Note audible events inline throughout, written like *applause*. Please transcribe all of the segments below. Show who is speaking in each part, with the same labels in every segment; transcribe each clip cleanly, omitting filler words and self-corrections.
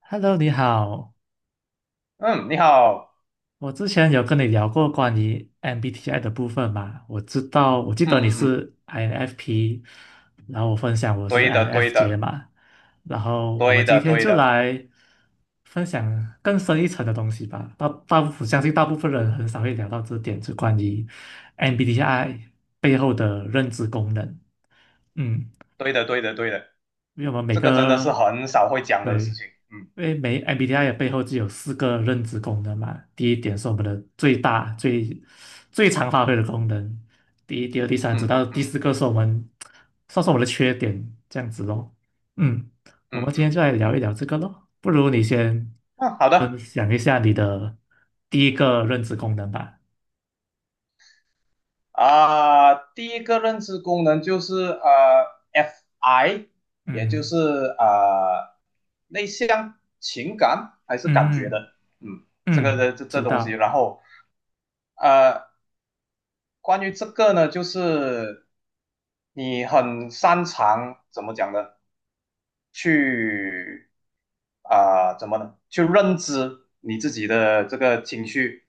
Speaker 1: Hello，你好。
Speaker 2: 嗯，你好。
Speaker 1: 我之前有跟你聊过
Speaker 2: 嗯
Speaker 1: 关于 MBTI 的部分嘛？我知道，我记
Speaker 2: 嗯
Speaker 1: 得你
Speaker 2: 嗯嗯，
Speaker 1: 是 INFP，然后我分享我是
Speaker 2: 对的对
Speaker 1: INFJ
Speaker 2: 的
Speaker 1: 嘛。然后我们
Speaker 2: 对
Speaker 1: 今
Speaker 2: 的
Speaker 1: 天
Speaker 2: 对
Speaker 1: 就
Speaker 2: 的
Speaker 1: 来分享更深一层的东西吧。大大部分相信大部分人很少会聊到这点，就关于 MBTI 背后的认知功能。嗯，
Speaker 2: 对的对的对的，
Speaker 1: 因为我们每
Speaker 2: 这
Speaker 1: 个
Speaker 2: 个真的是
Speaker 1: 呃
Speaker 2: 很少会讲的
Speaker 1: 对，
Speaker 2: 事
Speaker 1: 因
Speaker 2: 情。嗯
Speaker 1: 为每 MBTI 的背后只有四个认知功能嘛。第一点是我们的最大、最常发挥的功能，第一、第二、第三，直
Speaker 2: 嗯
Speaker 1: 到
Speaker 2: 嗯
Speaker 1: 第
Speaker 2: 嗯
Speaker 1: 四个是我们算是我们的缺点，这样子咯。嗯，我
Speaker 2: 嗯
Speaker 1: 们今天
Speaker 2: 嗯，
Speaker 1: 就来聊一聊这个咯。不如你先
Speaker 2: 嗯，好
Speaker 1: 分
Speaker 2: 的
Speaker 1: 享一下你的第一个认知功能吧。
Speaker 2: 啊，第一个认知功能就是FI，也就是
Speaker 1: 嗯
Speaker 2: 内向、情感还是感觉
Speaker 1: 嗯
Speaker 2: 的，嗯，这个
Speaker 1: 嗯，
Speaker 2: 这
Speaker 1: 嗯
Speaker 2: 这这
Speaker 1: 知
Speaker 2: 东西，
Speaker 1: 道。
Speaker 2: 然后呃，关于这个呢，就是你很擅长怎么讲呢？去怎么呢？去认知你自己的这个情绪，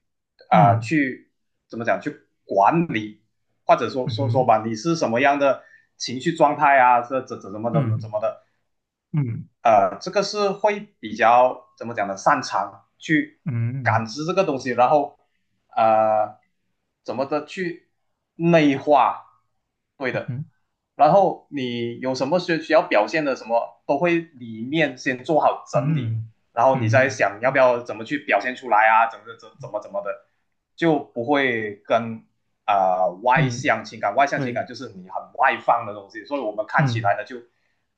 Speaker 1: 嗯
Speaker 2: 去怎么讲？去管理，或者说
Speaker 1: 嗯
Speaker 2: 说说
Speaker 1: 哼
Speaker 2: 吧，你是什么样的情绪状态啊？这怎怎么怎么怎
Speaker 1: 嗯
Speaker 2: 么的？
Speaker 1: 嗯
Speaker 2: 这个是会比较怎么讲呢？擅长去
Speaker 1: 嗯
Speaker 2: 感
Speaker 1: 嗯
Speaker 2: 知这个东西，然后呃，怎么的去内化，对的。
Speaker 1: 嗯。
Speaker 2: 然后你有什么需要表现的什么，都会里面先做好整理，
Speaker 1: 嗯
Speaker 2: 然后你再
Speaker 1: 嗯
Speaker 2: 想要不要怎么去表现出来啊，怎么的，就不会跟外
Speaker 1: 嗯，嗯
Speaker 2: 向情感。外向情感
Speaker 1: 对，
Speaker 2: 就是你很外放的东西，所以我们看起
Speaker 1: 嗯
Speaker 2: 来呢就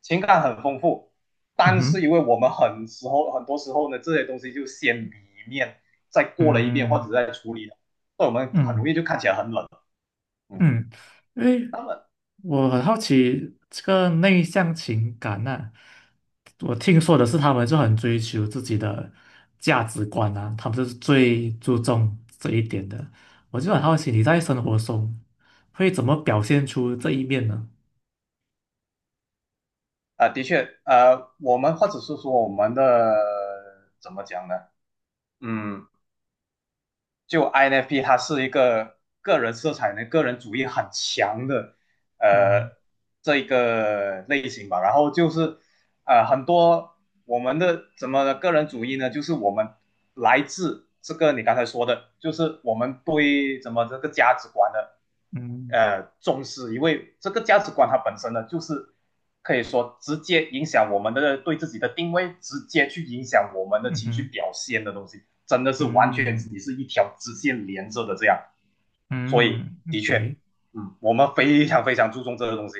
Speaker 2: 情感很丰富，
Speaker 1: 嗯
Speaker 2: 但是
Speaker 1: 哼，
Speaker 2: 因为我们很多时候呢，这些东西就先里面再过了一遍，或者
Speaker 1: 嗯
Speaker 2: 再出，所以我们很容
Speaker 1: 嗯
Speaker 2: 易就看起来很冷。嗯，
Speaker 1: 嗯，因为
Speaker 2: 那么
Speaker 1: 我很好奇这个内向情感呐、我听说的是他们就很追求自己的价值观啊，他们就是最注重这一点的。我就很好奇你在生活中会怎么表现出这一面呢？
Speaker 2: 的确，我们或者是说我们的怎么讲呢？嗯，就 INFP 它是一个个人色彩呢、个人主义很强的呃
Speaker 1: 嗯
Speaker 2: 这一个类型吧。然后就是很多我们的怎么的个人主义呢，就是我们来自这个你刚才说的，就是我们对怎么这个价值观的
Speaker 1: 嗯
Speaker 2: 重视，因为这个价值观它本身呢，就是可以说直接影响我们的对自己的定位，直接去影响我们的
Speaker 1: 嗯
Speaker 2: 情绪
Speaker 1: 哼
Speaker 2: 表现的东西。真的是完全
Speaker 1: 嗯
Speaker 2: 你是一条直线连着的这样，所以
Speaker 1: 嗯
Speaker 2: 的确，
Speaker 1: ，OK，
Speaker 2: 嗯，我们非常非常注重这个东西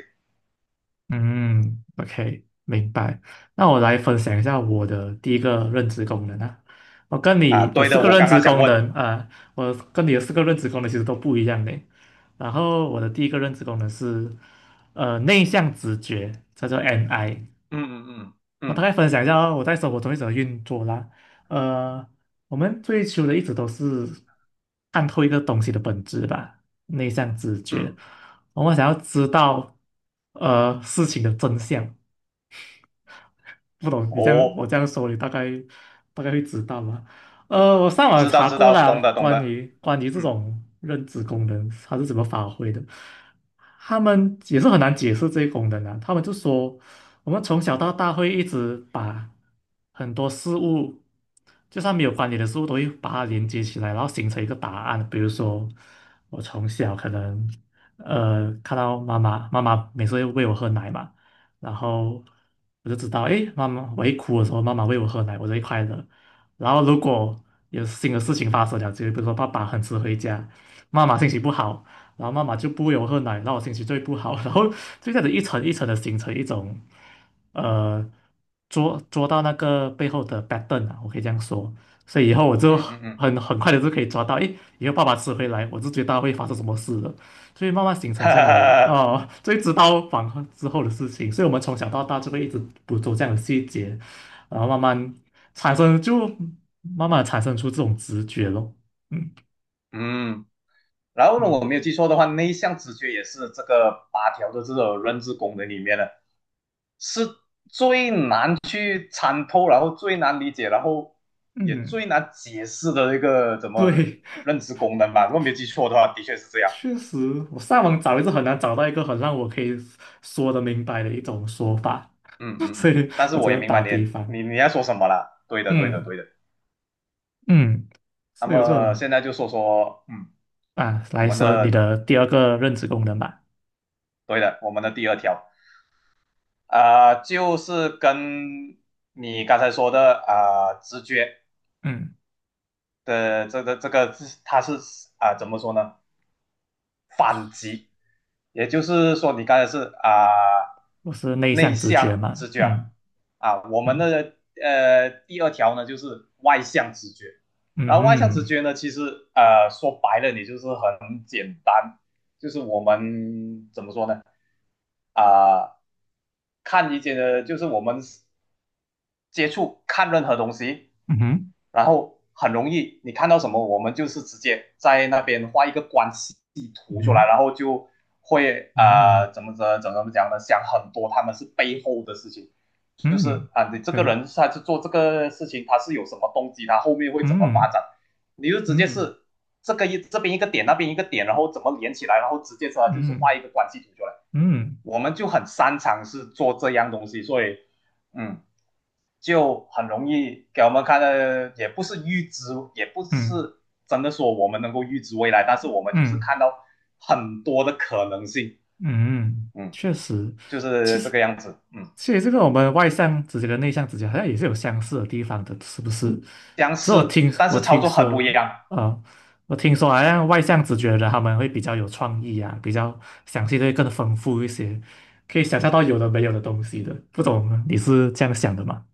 Speaker 1: 嗯，OK，明白。那我来分享一下我的第一个认知功能啊。我跟
Speaker 2: 啊。
Speaker 1: 你的
Speaker 2: 对
Speaker 1: 四
Speaker 2: 的，
Speaker 1: 个
Speaker 2: 我
Speaker 1: 认
Speaker 2: 刚
Speaker 1: 知
Speaker 2: 刚想
Speaker 1: 功
Speaker 2: 问。
Speaker 1: 能啊，我跟你的四个认知功能其实都不一样的。然后我的第一个认知功能是，内向直觉，叫做 NI。
Speaker 2: 嗯嗯
Speaker 1: 我
Speaker 2: 嗯
Speaker 1: 大
Speaker 2: 嗯
Speaker 1: 概分享一下哦我在生活中一直的运作啦。呃，我们追求的一直都是看透一个东西的本质吧，内向直
Speaker 2: 嗯，
Speaker 1: 觉。我们想要知道事情的真相，不懂你这样
Speaker 2: 哦，
Speaker 1: 我这样说，你大概会知道吗？我上网
Speaker 2: 知道
Speaker 1: 查
Speaker 2: 知
Speaker 1: 过
Speaker 2: 道，懂
Speaker 1: 啦，
Speaker 2: 的懂
Speaker 1: 关
Speaker 2: 的，
Speaker 1: 于关于这
Speaker 2: 嗯
Speaker 1: 种认知功能它是怎么发挥的，他们也是很难解释这些功能啊。他们就说，我们从小到大会一直把很多事物，就算没有关联的事物，都会把它连接起来，然后形成一个答案。比如说，我从小可能看到妈妈，妈妈每次会喂我喝奶嘛。然后我就知道，诶，妈妈，我一哭的时候，妈妈喂我喝奶，我就会快乐。然后如果有新的事情发生了，就比如说爸爸很迟回家，妈妈心情不好，然后妈妈就不喂我喝奶，那我心情就会不好，*laughs* 然后就这样子一层一层的形成一种，呃，捉到那个背后的 pattern 啊，我可以这样说。所以以后我就
Speaker 2: 嗯嗯嗯，
Speaker 1: 很快的就可以抓到，诶，以后爸爸迟回来，我就知道会发生什么事了。所以慢慢形成
Speaker 2: 哈
Speaker 1: 这
Speaker 2: 哈
Speaker 1: 样的
Speaker 2: 哈哈，
Speaker 1: 哦，*laughs* 所以知道反抗之后的事情，所以我们从小到大就会一直捕捉这样的细节，然后慢慢产生，就慢慢地产生出这种直觉咯。嗯
Speaker 2: 嗯。然后呢，我
Speaker 1: 嗯
Speaker 2: 没有记错的话，内向直觉也是这个八条的这个认知功能里面的，是最难去参透，然后最难理解，然后也
Speaker 1: 嗯，
Speaker 2: 最难解释的一个怎么
Speaker 1: 对，
Speaker 2: 认知功能吧。如果没有记错的话，的确是这样。
Speaker 1: 确实，我上网找也是很难找到一个很让我可以说得明白的一种说法，
Speaker 2: 嗯嗯
Speaker 1: *laughs*
Speaker 2: 嗯，
Speaker 1: 所
Speaker 2: 嗯
Speaker 1: 以
Speaker 2: 但是
Speaker 1: 我只
Speaker 2: 我也
Speaker 1: 能
Speaker 2: 明白
Speaker 1: 打比
Speaker 2: 你
Speaker 1: 方。
Speaker 2: 你你要说什么了。对的，对的，
Speaker 1: 嗯
Speaker 2: 对的。
Speaker 1: 嗯，
Speaker 2: 那
Speaker 1: 所以我就
Speaker 2: 么现在就说说。嗯，
Speaker 1: 啊
Speaker 2: 我
Speaker 1: 来
Speaker 2: 们
Speaker 1: 说你
Speaker 2: 的
Speaker 1: 的第二个认知功能吧。
Speaker 2: 对的，我们的第二条就是跟你刚才说的直觉
Speaker 1: 嗯，
Speaker 2: 的这个是它是怎么说呢？反击，也就是说你刚才是呃
Speaker 1: 我是内
Speaker 2: 内
Speaker 1: 向直觉
Speaker 2: 向
Speaker 1: 嘛。
Speaker 2: 直觉
Speaker 1: 嗯。
Speaker 2: 啊，我们
Speaker 1: 嗯
Speaker 2: 的第二条呢就是外向直觉，
Speaker 1: 嗯
Speaker 2: 然后外向直
Speaker 1: 嗯
Speaker 2: 觉呢其实说白了你就是很简单，就是我们怎么说呢？啊、看一些的，就是我们接触看任何东西，
Speaker 1: 嗯哼
Speaker 2: 然后很容易，你看到什么，我们就是直接在那边画一个关系图出来，
Speaker 1: 嗯
Speaker 2: 然后就会
Speaker 1: 哼
Speaker 2: 怎么讲呢？想很多他们是背后的事情，就
Speaker 1: 嗯
Speaker 2: 是
Speaker 1: 嗯，
Speaker 2: 啊，你这
Speaker 1: 可
Speaker 2: 个
Speaker 1: 以，
Speaker 2: 人他是做这个事情，他是有什么动机，他后面会怎么发
Speaker 1: 嗯
Speaker 2: 展，你就直接
Speaker 1: 嗯
Speaker 2: 是这个一，这边一个点，那边一个点，然后怎么连起来，然后直接出来就是
Speaker 1: 嗯
Speaker 2: 画一个关系图出来。
Speaker 1: 嗯
Speaker 2: 我们就很擅长是做这样东西，所以嗯，就很容易给我们看的，也不是预知，也不
Speaker 1: 嗯
Speaker 2: 是真的说我们能够预知未来，但是我们就是
Speaker 1: 嗯
Speaker 2: 看到很多的可能性，
Speaker 1: 嗯，
Speaker 2: 嗯，
Speaker 1: 确实，
Speaker 2: 就
Speaker 1: 其
Speaker 2: 是这
Speaker 1: 实
Speaker 2: 个样子。嗯，
Speaker 1: 其实这个我们外向直觉跟内向直觉好像也是有相似的地方的，是不是？
Speaker 2: 相
Speaker 1: 这
Speaker 2: 似，但是操作很不一样。
Speaker 1: 啊、我听说好像外向直觉的他们会比较有创意啊，比较想象力更丰富一些，可以想象到有的没有的东西的，不懂你是这样想的吗？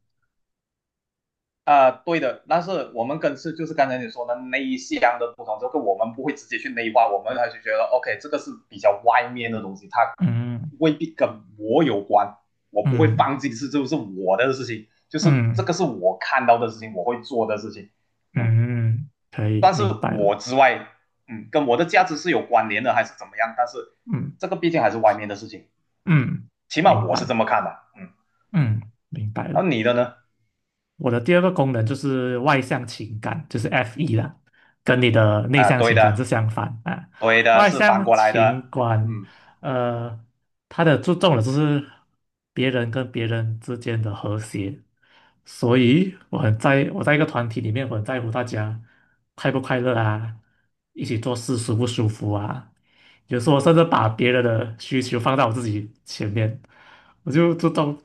Speaker 2: 对的，但是我们跟是就是刚才你说的那一项的不同，这个我们不会直接去内化，我们还是觉得 OK,这个是比较外面的东西，它
Speaker 1: 嗯。
Speaker 2: 未必跟我有关，我不会
Speaker 1: 嗯
Speaker 2: 放弃，是就是我的事情，就是这
Speaker 1: 嗯
Speaker 2: 个是我看到的事情，我会做的事情，嗯，
Speaker 1: 嗯，嗯可以，
Speaker 2: 但是
Speaker 1: 明白了。
Speaker 2: 我之外，嗯，跟我的价值是有关联的，还是怎么样？但是
Speaker 1: 嗯
Speaker 2: 这个毕竟还是外面的事情，
Speaker 1: 嗯，
Speaker 2: 起码
Speaker 1: 明
Speaker 2: 我是
Speaker 1: 白，
Speaker 2: 这么看的。嗯，
Speaker 1: 嗯，明白
Speaker 2: 然
Speaker 1: 了。
Speaker 2: 后你的呢？
Speaker 1: 我的第二个功能就是外向情感，就是 F.E 啦，跟你的内
Speaker 2: 啊，
Speaker 1: 向
Speaker 2: 对
Speaker 1: 情感是
Speaker 2: 的，
Speaker 1: 相反啊。
Speaker 2: 对的，
Speaker 1: 外
Speaker 2: 是反
Speaker 1: 向
Speaker 2: 过来的，
Speaker 1: 情感，
Speaker 2: 嗯。
Speaker 1: 呃，它的注重的就是别人跟别人之间的和谐，所以我很在我在一个团体里面，我很在乎大家快不快乐啊，一起做事舒不舒服啊。有时候我甚至把别人的需求放到我自己前面，我就当，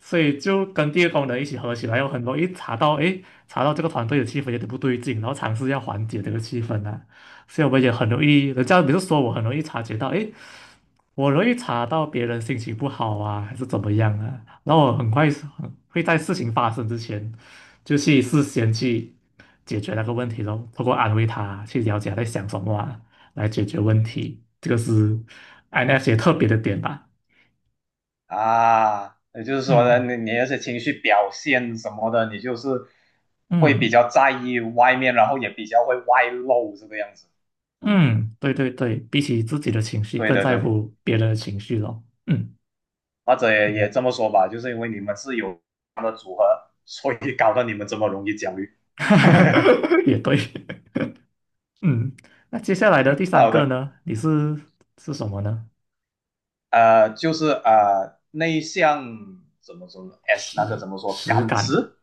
Speaker 1: 所以就跟第二功能一起合起来，有很容易查到，诶，查到这个团队的气氛有点不对劲，然后尝试要缓解这个气氛啊。所以我们也很容易，人家比如说我很容易察觉到，诶，我容易查到别人心情不好啊，还是怎么样啊，然后我很快是很会在事情发生之前，就去事先去解决那个问题咯，通过安慰他，去了解他在想什么啊，来解决问题，这个是 INFJ 特别的点吧，
Speaker 2: 啊，也就是说呢，
Speaker 1: 嗯
Speaker 2: 你那些情绪表现什么的，你就是会比
Speaker 1: 嗯。
Speaker 2: 较在意外面，然后也比较会外露这个样子。嗯，
Speaker 1: 嗯，对对对，比起自己的情绪，
Speaker 2: 对
Speaker 1: 更
Speaker 2: 对
Speaker 1: 在
Speaker 2: 对，
Speaker 1: 乎别人的情绪咯。嗯
Speaker 2: 或者也
Speaker 1: 嗯，
Speaker 2: 这么说吧，就是因为你们是有这样的组合，所以搞得你们这么容易焦虑。*laughs*
Speaker 1: *laughs* 也对。嗯，那接下来的第三
Speaker 2: 好
Speaker 1: 个
Speaker 2: 的。
Speaker 1: 呢？你是什么呢？
Speaker 2: 就是内向怎么说呢？S 那个
Speaker 1: 实
Speaker 2: 怎么说？
Speaker 1: 实
Speaker 2: 感
Speaker 1: 感啊，
Speaker 2: 知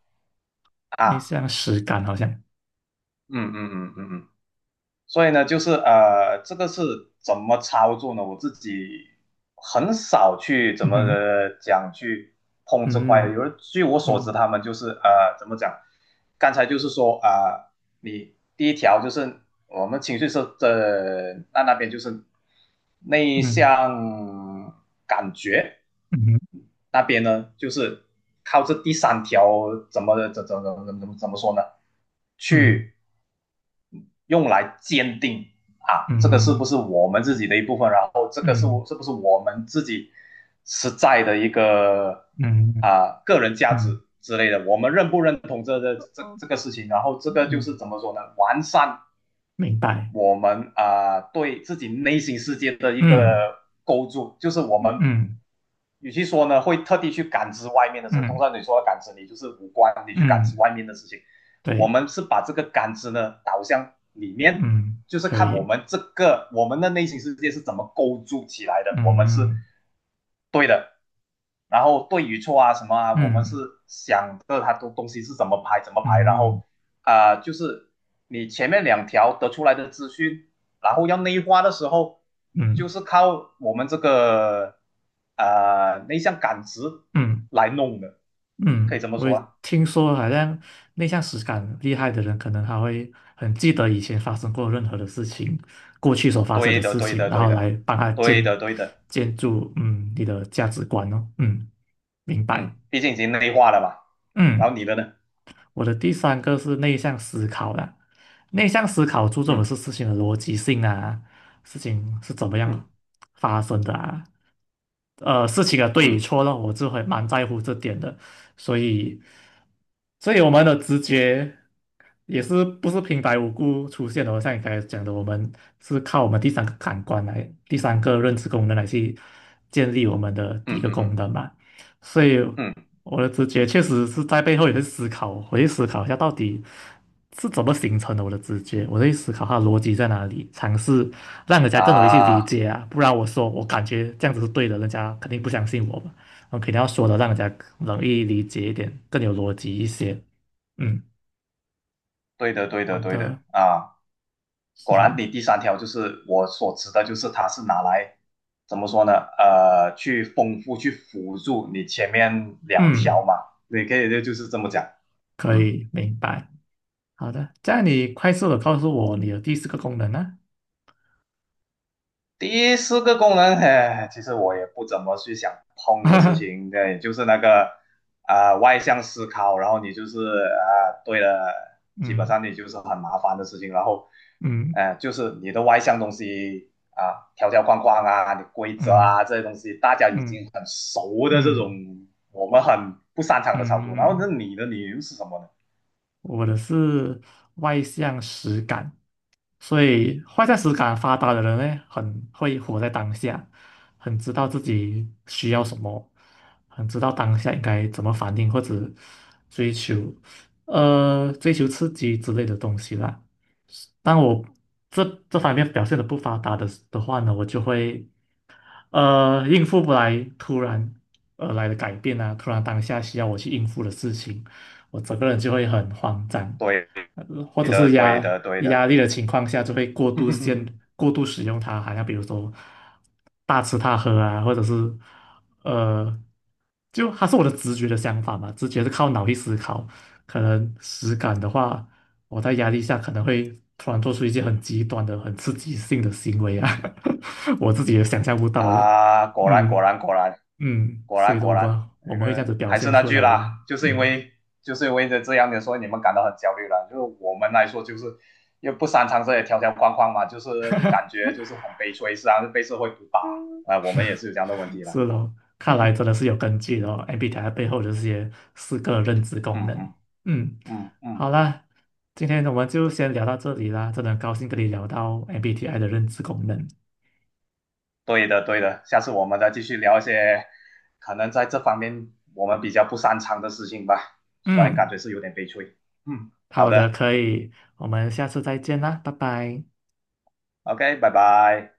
Speaker 1: 内
Speaker 2: 啊。
Speaker 1: 向实感好像。
Speaker 2: 嗯嗯嗯嗯嗯，所以呢，就是这个是怎么操作呢？我自己很少去怎
Speaker 1: 嗯
Speaker 2: 么
Speaker 1: 哼，
Speaker 2: 讲去碰这块。
Speaker 1: 嗯
Speaker 2: 有人据我所知，
Speaker 1: 嗯
Speaker 2: 他们就是怎么讲？刚才就是说你第一条就是我们情绪是的，那边就是内
Speaker 1: 嗯
Speaker 2: 向感觉
Speaker 1: 嗯
Speaker 2: 那边呢，就是靠这第三条怎么怎怎怎怎怎么怎么说呢？
Speaker 1: 嗯
Speaker 2: 去用来鉴定啊，这个是不
Speaker 1: 嗯
Speaker 2: 是我们自己的一部分？然后这个是
Speaker 1: 嗯
Speaker 2: 是不是我们自己实在的一个
Speaker 1: 嗯
Speaker 2: 啊个人价
Speaker 1: 嗯
Speaker 2: 值之类的？我们认不认同这这这
Speaker 1: 哦，
Speaker 2: 这个事情？然后这个就
Speaker 1: 嗯，
Speaker 2: 是怎么说呢？完善
Speaker 1: 明白。
Speaker 2: 我们啊对自己内心世界的一
Speaker 1: 嗯
Speaker 2: 个构筑，就是我们
Speaker 1: 嗯
Speaker 2: 与其说呢会特地去感知外面的事，通
Speaker 1: 嗯
Speaker 2: 常你说的感知你就是五官，你去感知
Speaker 1: 嗯，
Speaker 2: 外面的事情。我
Speaker 1: 对，
Speaker 2: 们是把这个感知呢导向里面，
Speaker 1: 嗯，
Speaker 2: 就是
Speaker 1: 可
Speaker 2: 看我
Speaker 1: 以。
Speaker 2: 们这个我们的内心世界是怎么构筑起来的，我们是
Speaker 1: 嗯
Speaker 2: 对的。然后对与错啊什么啊，我们是
Speaker 1: 嗯。
Speaker 2: 想着它的东西是怎么排怎么排，然
Speaker 1: 嗯
Speaker 2: 后就是你前面两条得出来的资讯，然后要内化的时候，就
Speaker 1: 嗯
Speaker 2: 是靠我们这个内向感知
Speaker 1: 嗯
Speaker 2: 来弄的，可以
Speaker 1: 嗯，
Speaker 2: 这么
Speaker 1: 我
Speaker 2: 说
Speaker 1: 也
Speaker 2: 啊。
Speaker 1: 听说好像内向实感厉害的人，可能他会很记得以前发生过任何的事情，过去所发生
Speaker 2: 对
Speaker 1: 的
Speaker 2: 的，
Speaker 1: 事
Speaker 2: 对
Speaker 1: 情，
Speaker 2: 的，
Speaker 1: 然
Speaker 2: 对
Speaker 1: 后
Speaker 2: 的，
Speaker 1: 来帮他
Speaker 2: 对
Speaker 1: 建
Speaker 2: 的，对的，
Speaker 1: 建筑嗯你的价值观哦。嗯，明白。
Speaker 2: 嗯，毕竟已经内化了嘛。然
Speaker 1: 嗯，
Speaker 2: 后你的呢？
Speaker 1: 我的第三个是内向思考啦，内向思考注重的
Speaker 2: 嗯
Speaker 1: 是事情的逻辑性啊，事情是怎么样
Speaker 2: 嗯
Speaker 1: 发生的啊，事情的对与
Speaker 2: 嗯
Speaker 1: 错了，我就会蛮在乎这点的，所以，所以我们的直觉也是不是平白无故出现的哦，像你刚才讲的，我们是靠我们第三个感官来，第三个认知功能来去建立我们的第
Speaker 2: 嗯
Speaker 1: 一
Speaker 2: 嗯
Speaker 1: 个
Speaker 2: 嗯
Speaker 1: 功
Speaker 2: 嗯
Speaker 1: 能嘛，所以。
Speaker 2: 嗯嗯嗯嗯嗯
Speaker 1: 我的直觉确实是在背后也会思考，我去思考一下到底是怎么形成的我的直觉，我会思考它的逻辑在哪里，尝试让人家更容易去理
Speaker 2: 啊。
Speaker 1: 解啊，不然我说我感觉这样子是对的，人家肯定不相信我嘛，我肯定要说的让人家容易理解一点，更有逻辑一些。嗯，
Speaker 2: 对的，对
Speaker 1: 好
Speaker 2: 的，对的
Speaker 1: 的，
Speaker 2: 啊！
Speaker 1: 是
Speaker 2: 果然，
Speaker 1: 哦，
Speaker 2: 你第三条就是我所指的，就是它是拿来怎么说呢？呃，去丰富、去辅助你前面两条
Speaker 1: 嗯，
Speaker 2: 嘛，你可以就是这么讲。
Speaker 1: 可
Speaker 2: 嗯。
Speaker 1: 以明白。好的，这样你快速的告诉我你的第四个功能呢、
Speaker 2: 第四个功能，哎，其实我也不怎么去想碰的事情，
Speaker 1: *laughs*
Speaker 2: 对，就是那个外向思考，然后你就是对了，基本
Speaker 1: 嗯
Speaker 2: 上你就是很麻烦的事情，然后
Speaker 1: 嗯
Speaker 2: 就是你的外向东西啊、条条框框啊、你规则
Speaker 1: 嗯
Speaker 2: 啊这些东西，大家已经
Speaker 1: 嗯
Speaker 2: 很熟的这种，
Speaker 1: 嗯
Speaker 2: 我们很不擅长的操作，
Speaker 1: 嗯
Speaker 2: 然后那
Speaker 1: 嗯。
Speaker 2: 你的你又是什么呢？
Speaker 1: 我的是外向实感，所以外向实感发达的人呢，很会活在当下，很知道自己需要什么，很知道当下应该怎么反应或者追求，追求刺激之类的东西啦。但我这这方面表现的不发达的话呢，我就会。应付不来突然而来的改变啊，突然当下需要我去应付的事情，我整个人就会很慌张，
Speaker 2: 对
Speaker 1: 或者
Speaker 2: 的，
Speaker 1: 是
Speaker 2: 对
Speaker 1: 压
Speaker 2: 的，对
Speaker 1: 压
Speaker 2: 的。
Speaker 1: 力的情况下，就会
Speaker 2: *laughs*
Speaker 1: 过度使用它，好像比如说大吃大喝啊，或者是呃，就它是我的直觉的想法嘛，直觉是靠脑力思考，可能实感的话。我在压力下可能会突然做出一些很极端的、很刺激性的行为啊，*laughs* 我自己也想象不到的。
Speaker 2: 啊，果然果
Speaker 1: 嗯
Speaker 2: 然果然
Speaker 1: 嗯，
Speaker 2: 果
Speaker 1: 所
Speaker 2: 然
Speaker 1: 以说
Speaker 2: 果
Speaker 1: 我
Speaker 2: 然，
Speaker 1: 们我
Speaker 2: 那
Speaker 1: 们会这样
Speaker 2: 个
Speaker 1: 子表
Speaker 2: 还是
Speaker 1: 现
Speaker 2: 那
Speaker 1: 出
Speaker 2: 句
Speaker 1: 来咯。
Speaker 2: 啦，就是因
Speaker 1: 嗯，
Speaker 2: 为这样的，所以你们感到很焦虑了。就是我们来说，就是又不擅长这些条条框框嘛，就是感
Speaker 1: *laughs*
Speaker 2: 觉就是很悲催，实际上是啊，被社会毒打啊、我们也是有这样的问题了。
Speaker 1: 是咯，
Speaker 2: *laughs*
Speaker 1: 看来
Speaker 2: 嗯
Speaker 1: 真的是有根据的哦，MBTI 背后的这些四个认知功能。
Speaker 2: 嗯
Speaker 1: 嗯，
Speaker 2: 嗯
Speaker 1: 好
Speaker 2: 嗯，
Speaker 1: 啦，今天我们就先聊到这里啦，真的很高兴跟你聊到 MBTI 的认知功能。
Speaker 2: 对的对的，下次我们再继续聊一些可能在这方面我们比较不擅长的事情吧，虽然感
Speaker 1: 嗯，
Speaker 2: 觉是有点悲催。嗯，好
Speaker 1: 好的，
Speaker 2: 的
Speaker 1: 可以，我们下次再见啦，拜拜。
Speaker 2: ，OK,拜拜。